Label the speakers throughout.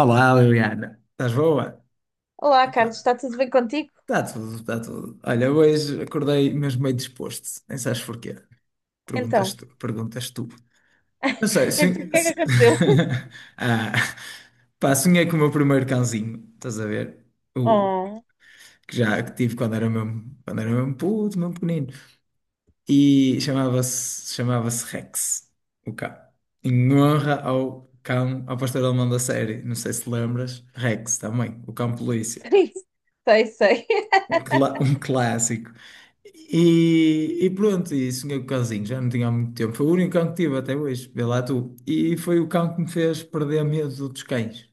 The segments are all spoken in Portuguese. Speaker 1: Olá, Liliana. Estás boa?
Speaker 2: Olá,
Speaker 1: Epá,
Speaker 2: Carlos, está tudo bem contigo?
Speaker 1: está tudo, está tudo. Olha, hoje acordei mesmo meio disposto. Nem sabes porquê. Perguntas
Speaker 2: Então,
Speaker 1: tu. Perguntas tu. Não sei,
Speaker 2: então, o
Speaker 1: sonhei...
Speaker 2: que é que aconteceu?
Speaker 1: ah, pá, sonhei com o meu primeiro cãozinho. Estás a ver? O
Speaker 2: Oh,
Speaker 1: que já que tive quando era mesmo puto, mesmo pequenino. E chamava-se Rex, o cão. Em honra ao cão, ao pastor alemão da série. Não sei se lembras. Rex também, o cão polícia.
Speaker 2: sei, sei.
Speaker 1: Um clássico. E pronto, e sonhei com o cãozinho, já não tinha há muito tempo. Foi o único cão que tive até hoje, vê lá tu. E foi o cão que me fez perder medo dos cães.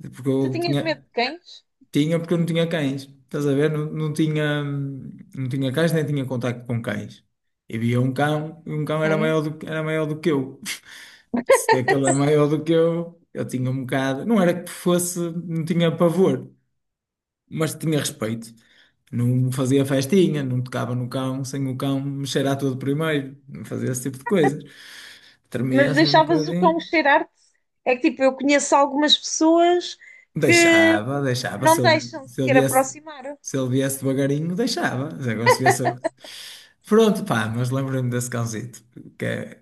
Speaker 1: Porque
Speaker 2: Tu
Speaker 1: eu
Speaker 2: tinhas medo
Speaker 1: tinha,
Speaker 2: de cães?
Speaker 1: tinha porque eu não tinha cães. Estás a ver? Não, não tinha cães, nem tinha contacto com cães. E via um cão, e um cão era
Speaker 2: Ok.
Speaker 1: era maior do que eu. Se aquele é maior do que eu tinha um bocado. Não era que fosse, não tinha pavor, mas tinha respeito. Não fazia festinha, não tocava no cão sem o cão me cheirar todo primeiro, não fazia esse tipo de coisas. Tremia
Speaker 2: Mas
Speaker 1: assim um
Speaker 2: deixavas o cão
Speaker 1: bocadinho.
Speaker 2: cheirar-te? É que tipo, eu conheço algumas pessoas que
Speaker 1: Deixava, deixava.
Speaker 2: não deixam
Speaker 1: Se ele
Speaker 2: sequer
Speaker 1: viesse,
Speaker 2: aproximar.
Speaker 1: se ele viesse devagarinho, deixava. Mas agora se viesse. Pronto, pá, mas lembrei-me desse cãozito, que, é-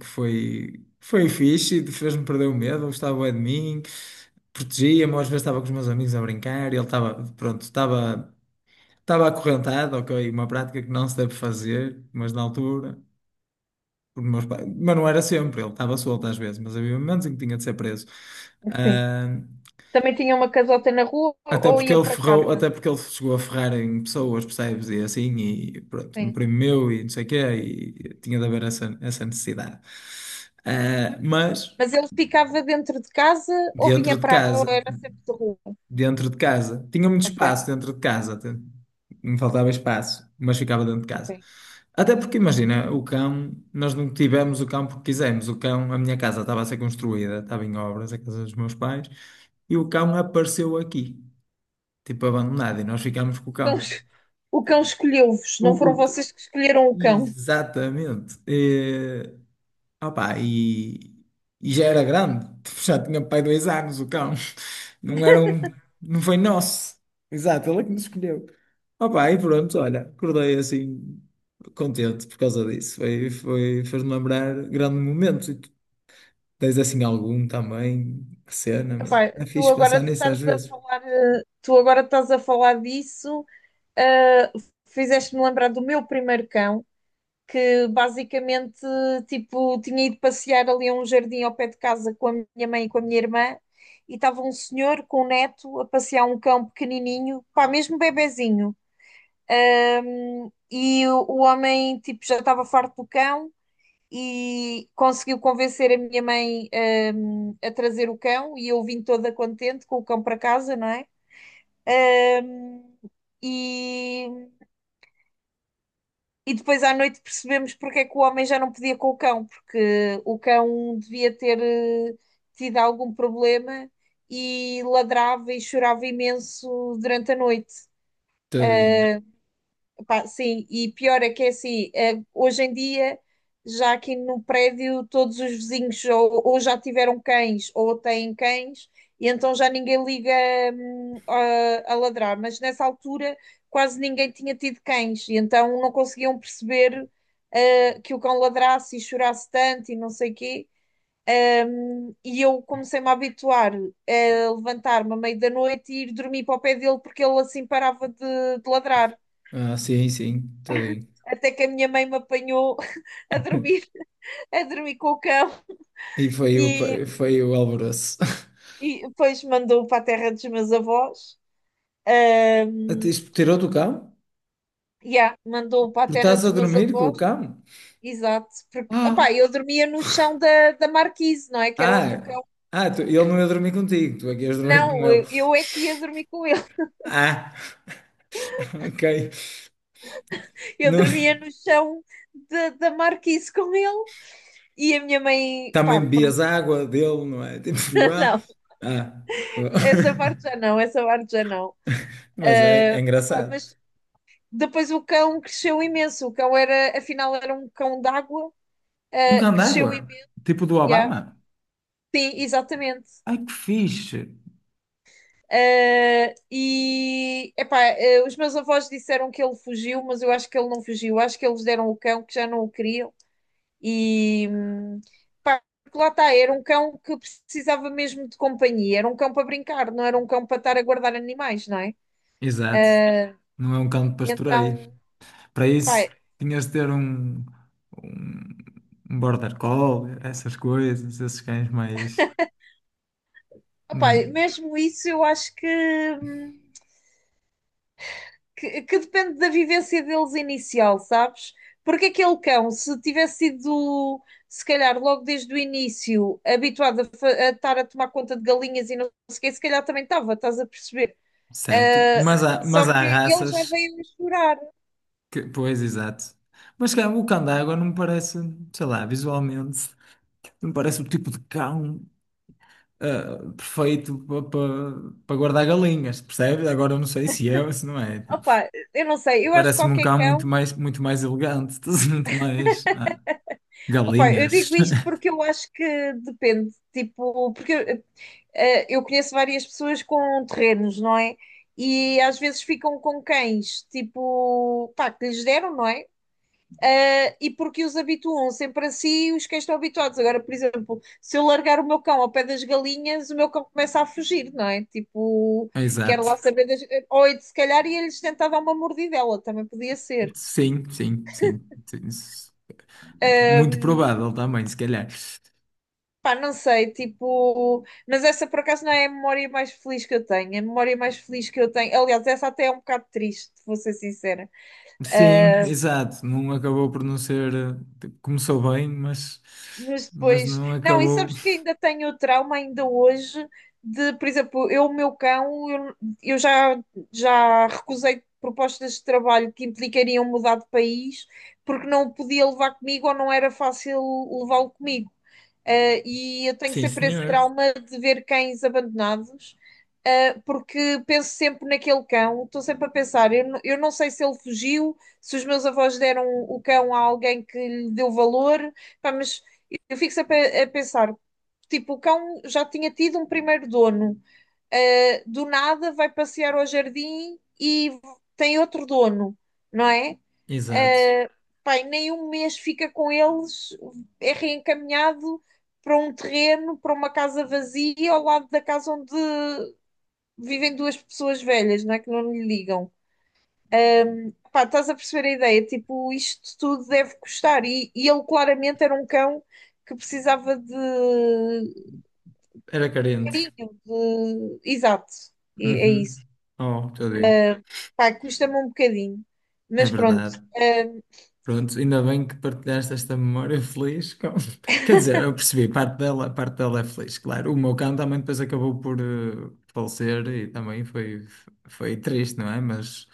Speaker 1: que foi, foi fixe, fez-me perder o medo, gostava bué de mim, protegia-me, às vezes estava com os meus amigos a brincar e ele estava, pronto, estava. Estava acorrentado, ok, uma prática que não se deve fazer, mas na altura. Mas não era sempre, ele estava solto às vezes, mas havia momentos em que tinha de ser preso.
Speaker 2: Sim.
Speaker 1: Ah,
Speaker 2: Também tinha uma casota na rua
Speaker 1: até
Speaker 2: ou
Speaker 1: porque
Speaker 2: ia
Speaker 1: ele
Speaker 2: para
Speaker 1: ferrou,
Speaker 2: casa.
Speaker 1: até porque ele chegou a ferrar em pessoas, percebes? E assim, e pronto, um
Speaker 2: Sim.
Speaker 1: primo meu e não sei o quê, e tinha de haver essa, essa necessidade. Ah, mas
Speaker 2: Mas ele ficava dentro de casa ou vinha
Speaker 1: dentro de
Speaker 2: para. Ou
Speaker 1: casa.
Speaker 2: era sempre de rua?
Speaker 1: Dentro de casa. Tinha muito
Speaker 2: Ok,
Speaker 1: espaço dentro de casa, até. Me faltava espaço, mas ficava dentro de
Speaker 2: ok.
Speaker 1: casa. Até porque, imagina, o cão, nós não tivemos o cão porque quisemos. O cão, a minha casa estava a ser construída, estava em obras, a casa dos meus pais, e o cão apareceu aqui, tipo abandonado, e nós ficámos com o
Speaker 2: Então,
Speaker 1: cão.
Speaker 2: o cão escolheu-vos,
Speaker 1: O,
Speaker 2: não foram
Speaker 1: o-
Speaker 2: vocês que escolheram o cão.
Speaker 1: exatamente. Opá, e já era grande, já tinha pai 2 anos o cão. Não era um, não foi nosso. Exato, ele é que nos escolheu. Opa, e pronto, olha, acordei assim contente por causa disso. Fez-me lembrar grande momento. E tu tens assim algum também, que cena, meu.
Speaker 2: Epá,
Speaker 1: É fixe pensar nisso às vezes.
Speaker 2: tu agora estás a falar disso, eh, fizeste-me lembrar do meu primeiro cão, que basicamente tipo, tinha ido passear ali a um jardim ao pé de casa com a minha mãe e com a minha irmã, e estava um senhor com um neto a passear um cão pequenininho, pá, mesmo bebezinho. E o homem tipo, já estava farto do cão e conseguiu convencer a minha mãe, a trazer o cão e eu vim toda contente com o cão para casa, não é? Hum, e, e depois à noite percebemos porque é que o homem já não podia com o cão, porque o cão devia ter tido algum problema e ladrava e chorava imenso durante a noite.
Speaker 1: Tadinho.
Speaker 2: Pá, sim, e pior é que é assim, hoje em dia, já aqui no prédio, todos os vizinhos ou já tiveram cães ou têm cães, e então já ninguém liga, a ladrar. Mas nessa altura quase ninguém tinha tido cães, e então não conseguiam perceber, que o cão ladrasse e chorasse tanto e não sei quê. E eu comecei-me a habituar a levantar-me à meia da noite e ir dormir para o pé dele porque ele assim parava de ladrar
Speaker 1: Ah, sim, sim, tadinho.
Speaker 2: até que a minha mãe me apanhou a dormir, a dormir com o cão
Speaker 1: E foi o,
Speaker 2: e,
Speaker 1: foi o alvoroço.
Speaker 2: e depois mandou para a terra dos meus avós.
Speaker 1: Até
Speaker 2: Ahm,
Speaker 1: isto tirou do cão?
Speaker 2: yeah, mandou para a
Speaker 1: Porque
Speaker 2: terra
Speaker 1: estás
Speaker 2: dos
Speaker 1: a
Speaker 2: meus
Speaker 1: dormir com o
Speaker 2: avós,
Speaker 1: cão?
Speaker 2: exato, porque opá,
Speaker 1: Ah,
Speaker 2: eu dormia no chão da marquise, não é? Que era onde o
Speaker 1: ah,
Speaker 2: cão.
Speaker 1: ah, ele não ia dormir contigo, tu é que ias dormir com
Speaker 2: Não,
Speaker 1: ele.
Speaker 2: eu é que ia dormir com ele.
Speaker 1: Ah, ok.
Speaker 2: Eu
Speaker 1: Não,
Speaker 2: dormia no chão da marquise com ele e a minha mãe,
Speaker 1: também
Speaker 2: pá, pronto,
Speaker 1: bebias água dele, não é? Tipo, ah,
Speaker 2: não,
Speaker 1: ah, pô.
Speaker 2: essa parte já não, essa parte já não.
Speaker 1: Mas é, é
Speaker 2: Ah, epá,
Speaker 1: engraçado.
Speaker 2: mas depois o cão cresceu imenso. O cão era, afinal, era um cão d'água.
Speaker 1: Um
Speaker 2: Ah,
Speaker 1: cão
Speaker 2: cresceu
Speaker 1: d'água,
Speaker 2: imenso.
Speaker 1: tipo do
Speaker 2: Yeah.
Speaker 1: Obama.
Speaker 2: Sim, exatamente.
Speaker 1: Ai, que fixe!
Speaker 2: Ah, e epá, ah, os meus avós disseram que ele fugiu, mas eu acho que ele não fugiu. Acho que eles deram o cão que já não o queriam. E pá, porque lá está, era um cão que precisava mesmo de companhia. Era um cão para brincar, não era um cão para estar a guardar animais, não é?
Speaker 1: Exato, não é um cão de pastoreio.
Speaker 2: Então,
Speaker 1: Para
Speaker 2: pá,
Speaker 1: isso, tinhas de ter um, um border collie, essas coisas, esses cães mais.
Speaker 2: opá,
Speaker 1: não-
Speaker 2: mesmo isso eu acho que depende da vivência deles inicial, sabes? Porque aquele cão, se tivesse sido, se calhar, logo desde o início, habituado a estar a tomar conta de galinhas e não sei o quê, se calhar também estava, estás a perceber?
Speaker 1: Certo,
Speaker 2: Ah, só
Speaker 1: mas há
Speaker 2: que ele já
Speaker 1: raças
Speaker 2: veio a.
Speaker 1: que. Pois, exato. Mas cá, o cão d'água não me parece, sei lá, visualmente, não me parece o tipo de cão perfeito para guardar galinhas, percebe agora eu não sei se é ou se não é. Tipo,
Speaker 2: Opa, eu não sei, eu acho que
Speaker 1: parece-me um
Speaker 2: qualquer
Speaker 1: cão
Speaker 2: cão.
Speaker 1: muito mais elegante, muito mais
Speaker 2: Opa, eu
Speaker 1: galinhas.
Speaker 2: digo isto porque eu acho que depende, tipo, porque eu conheço várias pessoas com terrenos, não é? E às vezes ficam com cães, tipo, pá, que lhes deram, não é? E porque os habituam sempre assim, os cães estão habituados. Agora, por exemplo, se eu largar o meu cão ao pé das galinhas, o meu cão começa a fugir, não é? Tipo, quero lá
Speaker 1: Exato.
Speaker 2: saber das. Ou se calhar ia-lhes tentar dar uma mordidela, também podia ser.
Speaker 1: Sim, sim, sim, sim. Muito provável também, se calhar.
Speaker 2: Pá, não sei, tipo, mas essa por acaso não é a memória mais feliz que eu tenho. A memória mais feliz que eu tenho, aliás, essa até é um bocado triste, vou ser sincera.
Speaker 1: Sim, exato. Não acabou por não ser. Começou bem,
Speaker 2: Mas
Speaker 1: mas
Speaker 2: depois,
Speaker 1: não
Speaker 2: não, e
Speaker 1: acabou.
Speaker 2: sabes que ainda tenho o trauma ainda hoje de, por exemplo, eu, o meu cão, eu já recusei propostas de trabalho que implicariam mudar de país porque não o podia levar comigo ou não era fácil levá-lo comigo. E eu tenho
Speaker 1: Sim,
Speaker 2: sempre esse
Speaker 1: senhor.
Speaker 2: trauma de ver cães abandonados, porque penso sempre naquele cão, estou sempre a pensar, eu não sei se ele fugiu, se os meus avós deram o cão a alguém que lhe deu valor, pá, mas eu fico sempre a pensar, tipo, o cão já tinha tido um primeiro dono, do nada vai passear ao jardim e tem outro dono, não é?
Speaker 1: Exato.
Speaker 2: Uh, Pai, nem um mês fica com eles, é reencaminhado para um terreno, para uma casa vazia, ao lado da casa onde vivem duas pessoas velhas, não é? Que não lhe ligam. Pá, estás a perceber a ideia? Tipo, isto tudo deve custar. E ele claramente era um cão que precisava de
Speaker 1: Era carente.
Speaker 2: carinho, de... Exato, é
Speaker 1: Uhum.
Speaker 2: isso.
Speaker 1: Oh, tadinho.
Speaker 2: Pá, custa-me um bocadinho.
Speaker 1: É
Speaker 2: Mas pronto,
Speaker 1: verdade.
Speaker 2: ah,
Speaker 1: Pronto, ainda bem que partilhaste esta memória feliz. Quer dizer, eu percebi, parte dela é feliz, claro. O meu cão também depois acabou por falecer e também foi, foi triste, não é? Mas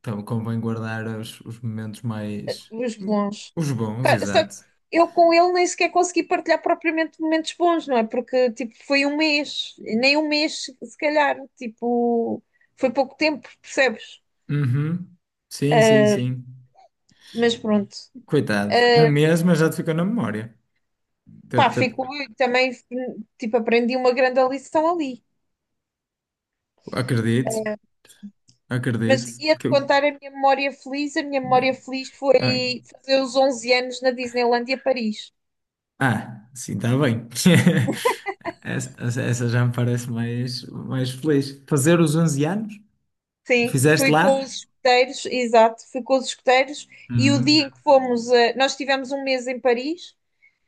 Speaker 1: então convém guardar os momentos mais.
Speaker 2: os bons.
Speaker 1: Os bons,
Speaker 2: Pá, só que
Speaker 1: exato.
Speaker 2: eu com ele nem sequer consegui partilhar propriamente momentos bons, não é? Porque tipo, foi um mês, nem um mês, se calhar, tipo, foi pouco tempo, percebes?
Speaker 1: Uhum. Sim, sim, sim.
Speaker 2: Mas pronto.
Speaker 1: Coitado. Um
Speaker 2: Ah,
Speaker 1: mês, mas já te ficou na memória.
Speaker 2: pá,
Speaker 1: Tep,
Speaker 2: fico
Speaker 1: tep.
Speaker 2: eu também, tipo, aprendi uma grande lição ali.
Speaker 1: Acredito,
Speaker 2: Mas
Speaker 1: acredito.
Speaker 2: ia-te
Speaker 1: Que eu...
Speaker 2: contar a minha memória feliz. A minha
Speaker 1: eh,
Speaker 2: memória feliz
Speaker 1: ah,
Speaker 2: foi fazer os 11 anos na Disneylandia Paris.
Speaker 1: ah, sim, está bem. Essa, essa- já me parece mais, mais feliz. Fazer os 11 anos?
Speaker 2: Sim,
Speaker 1: Fizeste
Speaker 2: fui com
Speaker 1: lá?
Speaker 2: os escuteiros, exato, fui com os escuteiros e o dia
Speaker 1: Hum.
Speaker 2: em que fomos, nós tivemos um mês em Paris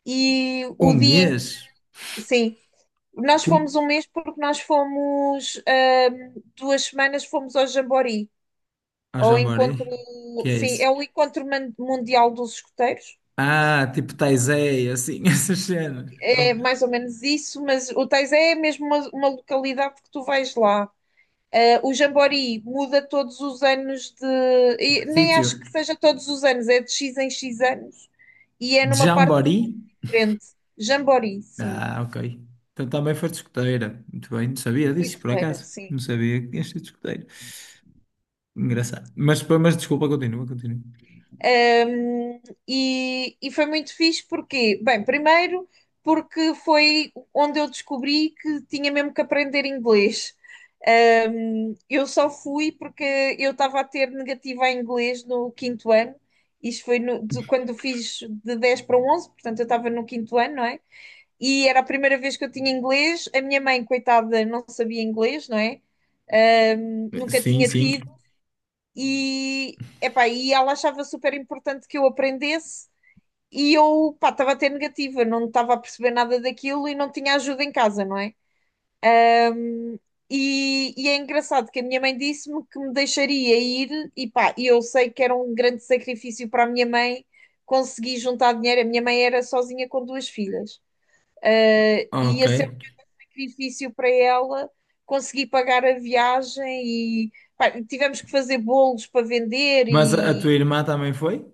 Speaker 2: e
Speaker 1: Um
Speaker 2: o dia em que,
Speaker 1: mês?
Speaker 2: sim, nós
Speaker 1: Como?
Speaker 2: fomos um mês porque nós fomos, 2 semanas fomos ao Jamboree,
Speaker 1: Ah,
Speaker 2: ao encontro,
Speaker 1: jamboree? Que é
Speaker 2: sim, é
Speaker 1: isso?
Speaker 2: o encontro mundial dos escuteiros,
Speaker 1: Ah, tipo Taizé, assim, essas cenas. Um
Speaker 2: é mais ou menos isso, mas o Teis é mesmo uma, localidade que tu vais lá. O Jamboree muda todos os anos de. E nem
Speaker 1: sítio.
Speaker 2: acho que seja todos os anos, é de X em X anos e é
Speaker 1: De
Speaker 2: numa parte do mundo
Speaker 1: jamboree?
Speaker 2: diferente. Jamboree, sim.
Speaker 1: Ah, ok. Então também foi discoteira. Muito bem, não sabia
Speaker 2: Fui
Speaker 1: disso, por
Speaker 2: escuteira,
Speaker 1: acaso.
Speaker 2: sim.
Speaker 1: Não sabia que tinha sido discoteira. Engraçado. Mas desculpa, continua, continua.
Speaker 2: Um, e foi muito fixe porque, bem, primeiro porque foi onde eu descobri que tinha mesmo que aprender inglês. Eu só fui porque eu estava a ter negativa em inglês no quinto ano. Isto foi quando fiz de 10 para um 11, portanto eu estava no quinto ano, não é? E era a primeira vez que eu tinha inglês. A minha mãe, coitada, não sabia inglês, não é? Nunca
Speaker 1: Sim,
Speaker 2: tinha
Speaker 1: sim.
Speaker 2: tido. E, epá, ela achava super importante que eu aprendesse. E eu, pá, estava a ter negativa, não estava a perceber nada daquilo e não tinha ajuda em casa, não é? E é engraçado que a minha mãe disse-me que me deixaria ir, e pá, e eu sei que era um grande sacrifício para a minha mãe conseguir juntar dinheiro. A minha mãe era sozinha com duas filhas. E
Speaker 1: Ok.
Speaker 2: ia ser um sacrifício para ela conseguir pagar a viagem. E pá, tivemos que fazer bolos para vender.
Speaker 1: Mas a
Speaker 2: E
Speaker 1: tua irmã também foi?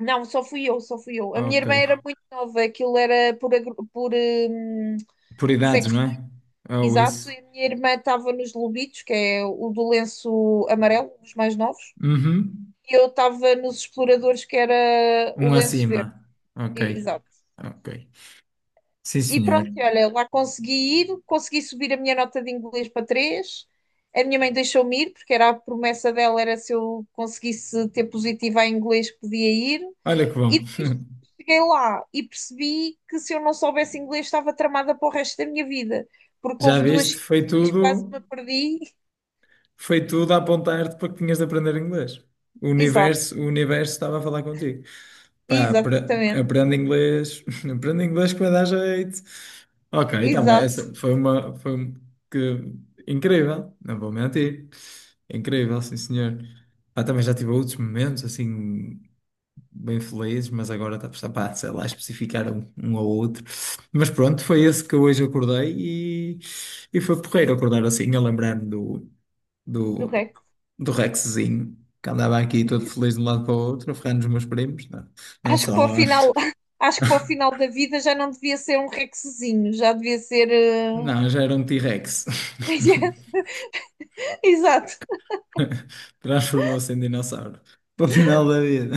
Speaker 2: não, só fui eu, só fui eu. A minha
Speaker 1: Ok.
Speaker 2: irmã era muito nova, aquilo era por
Speaker 1: Por idades,
Speaker 2: sexo.
Speaker 1: não é? Ou
Speaker 2: Exato,
Speaker 1: isso?
Speaker 2: e a minha irmã estava nos Lobitos, que é o do lenço amarelo, os mais novos,
Speaker 1: Uhum.
Speaker 2: e eu estava nos Exploradores, que era
Speaker 1: Um
Speaker 2: o lenço verde.
Speaker 1: acima. Ok.
Speaker 2: Exato.
Speaker 1: Ok. Sim,
Speaker 2: E
Speaker 1: senhor.
Speaker 2: pronto, e olha, lá consegui ir, consegui subir a minha nota de inglês para 3. A minha mãe deixou-me ir, porque era a promessa dela, era se eu conseguisse ter positiva em inglês, que podia ir.
Speaker 1: Olha que bom.
Speaker 2: E depois cheguei lá e percebi que se eu não soubesse inglês, estava tramada para o resto da minha vida, porque
Speaker 1: Já
Speaker 2: houve duas
Speaker 1: viste?
Speaker 2: situações que quase me perdi.
Speaker 1: Foi tudo a apontar-te para que tinhas de aprender inglês.
Speaker 2: Exato.
Speaker 1: O universo estava a falar contigo. Pá,
Speaker 2: Exatamente,
Speaker 1: aprende inglês, aprende inglês que vai dar jeito. Ok, então bem,
Speaker 2: exato,
Speaker 1: essa foi uma, que, incrível, não vou mentir. Incrível, sim senhor. Pá, também já tive outros momentos assim bem felizes, mas agora pá, sei lá, especificar um, um ou outro. Mas pronto, foi esse que hoje acordei e, e foi porreiro acordar assim, a lembrar-me
Speaker 2: do
Speaker 1: do,
Speaker 2: Rex.
Speaker 1: do Rexzinho, que andava aqui todo feliz de um lado para o outro, a ferrar nos meus primos. Não, não
Speaker 2: Acho que
Speaker 1: só.
Speaker 2: para o final, acho que para o final da vida já não devia ser um Rexzinho, já devia ser.
Speaker 1: Não, já era um T-Rex.
Speaker 2: Exato,
Speaker 1: Transformou-se em dinossauro. Para o final da vida.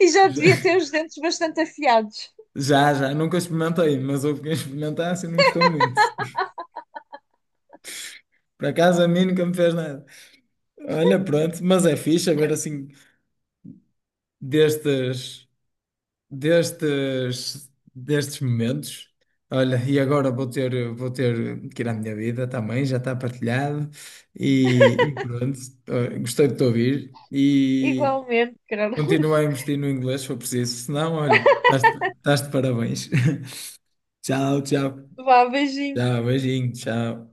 Speaker 2: e já
Speaker 1: Já,
Speaker 2: devia ter os dentes bastante afiados.
Speaker 1: já, já. Nunca experimentei, mas houve quem experimentasse e não gostou muito. Por acaso a mim nunca me fez nada. Olha, pronto, mas é fixe ver assim destes, destes momentos. Olha, e agora vou ter que ir à minha vida também, já está partilhado. E, e pronto, gostei de te ouvir. E,
Speaker 2: Igualmente,
Speaker 1: continua a
Speaker 2: Carlos.
Speaker 1: investir no inglês se for preciso, senão, olha, estás de parabéns. Tchau, tchau.
Speaker 2: Vá, beijinho.
Speaker 1: Tchau, beijinho, tchau.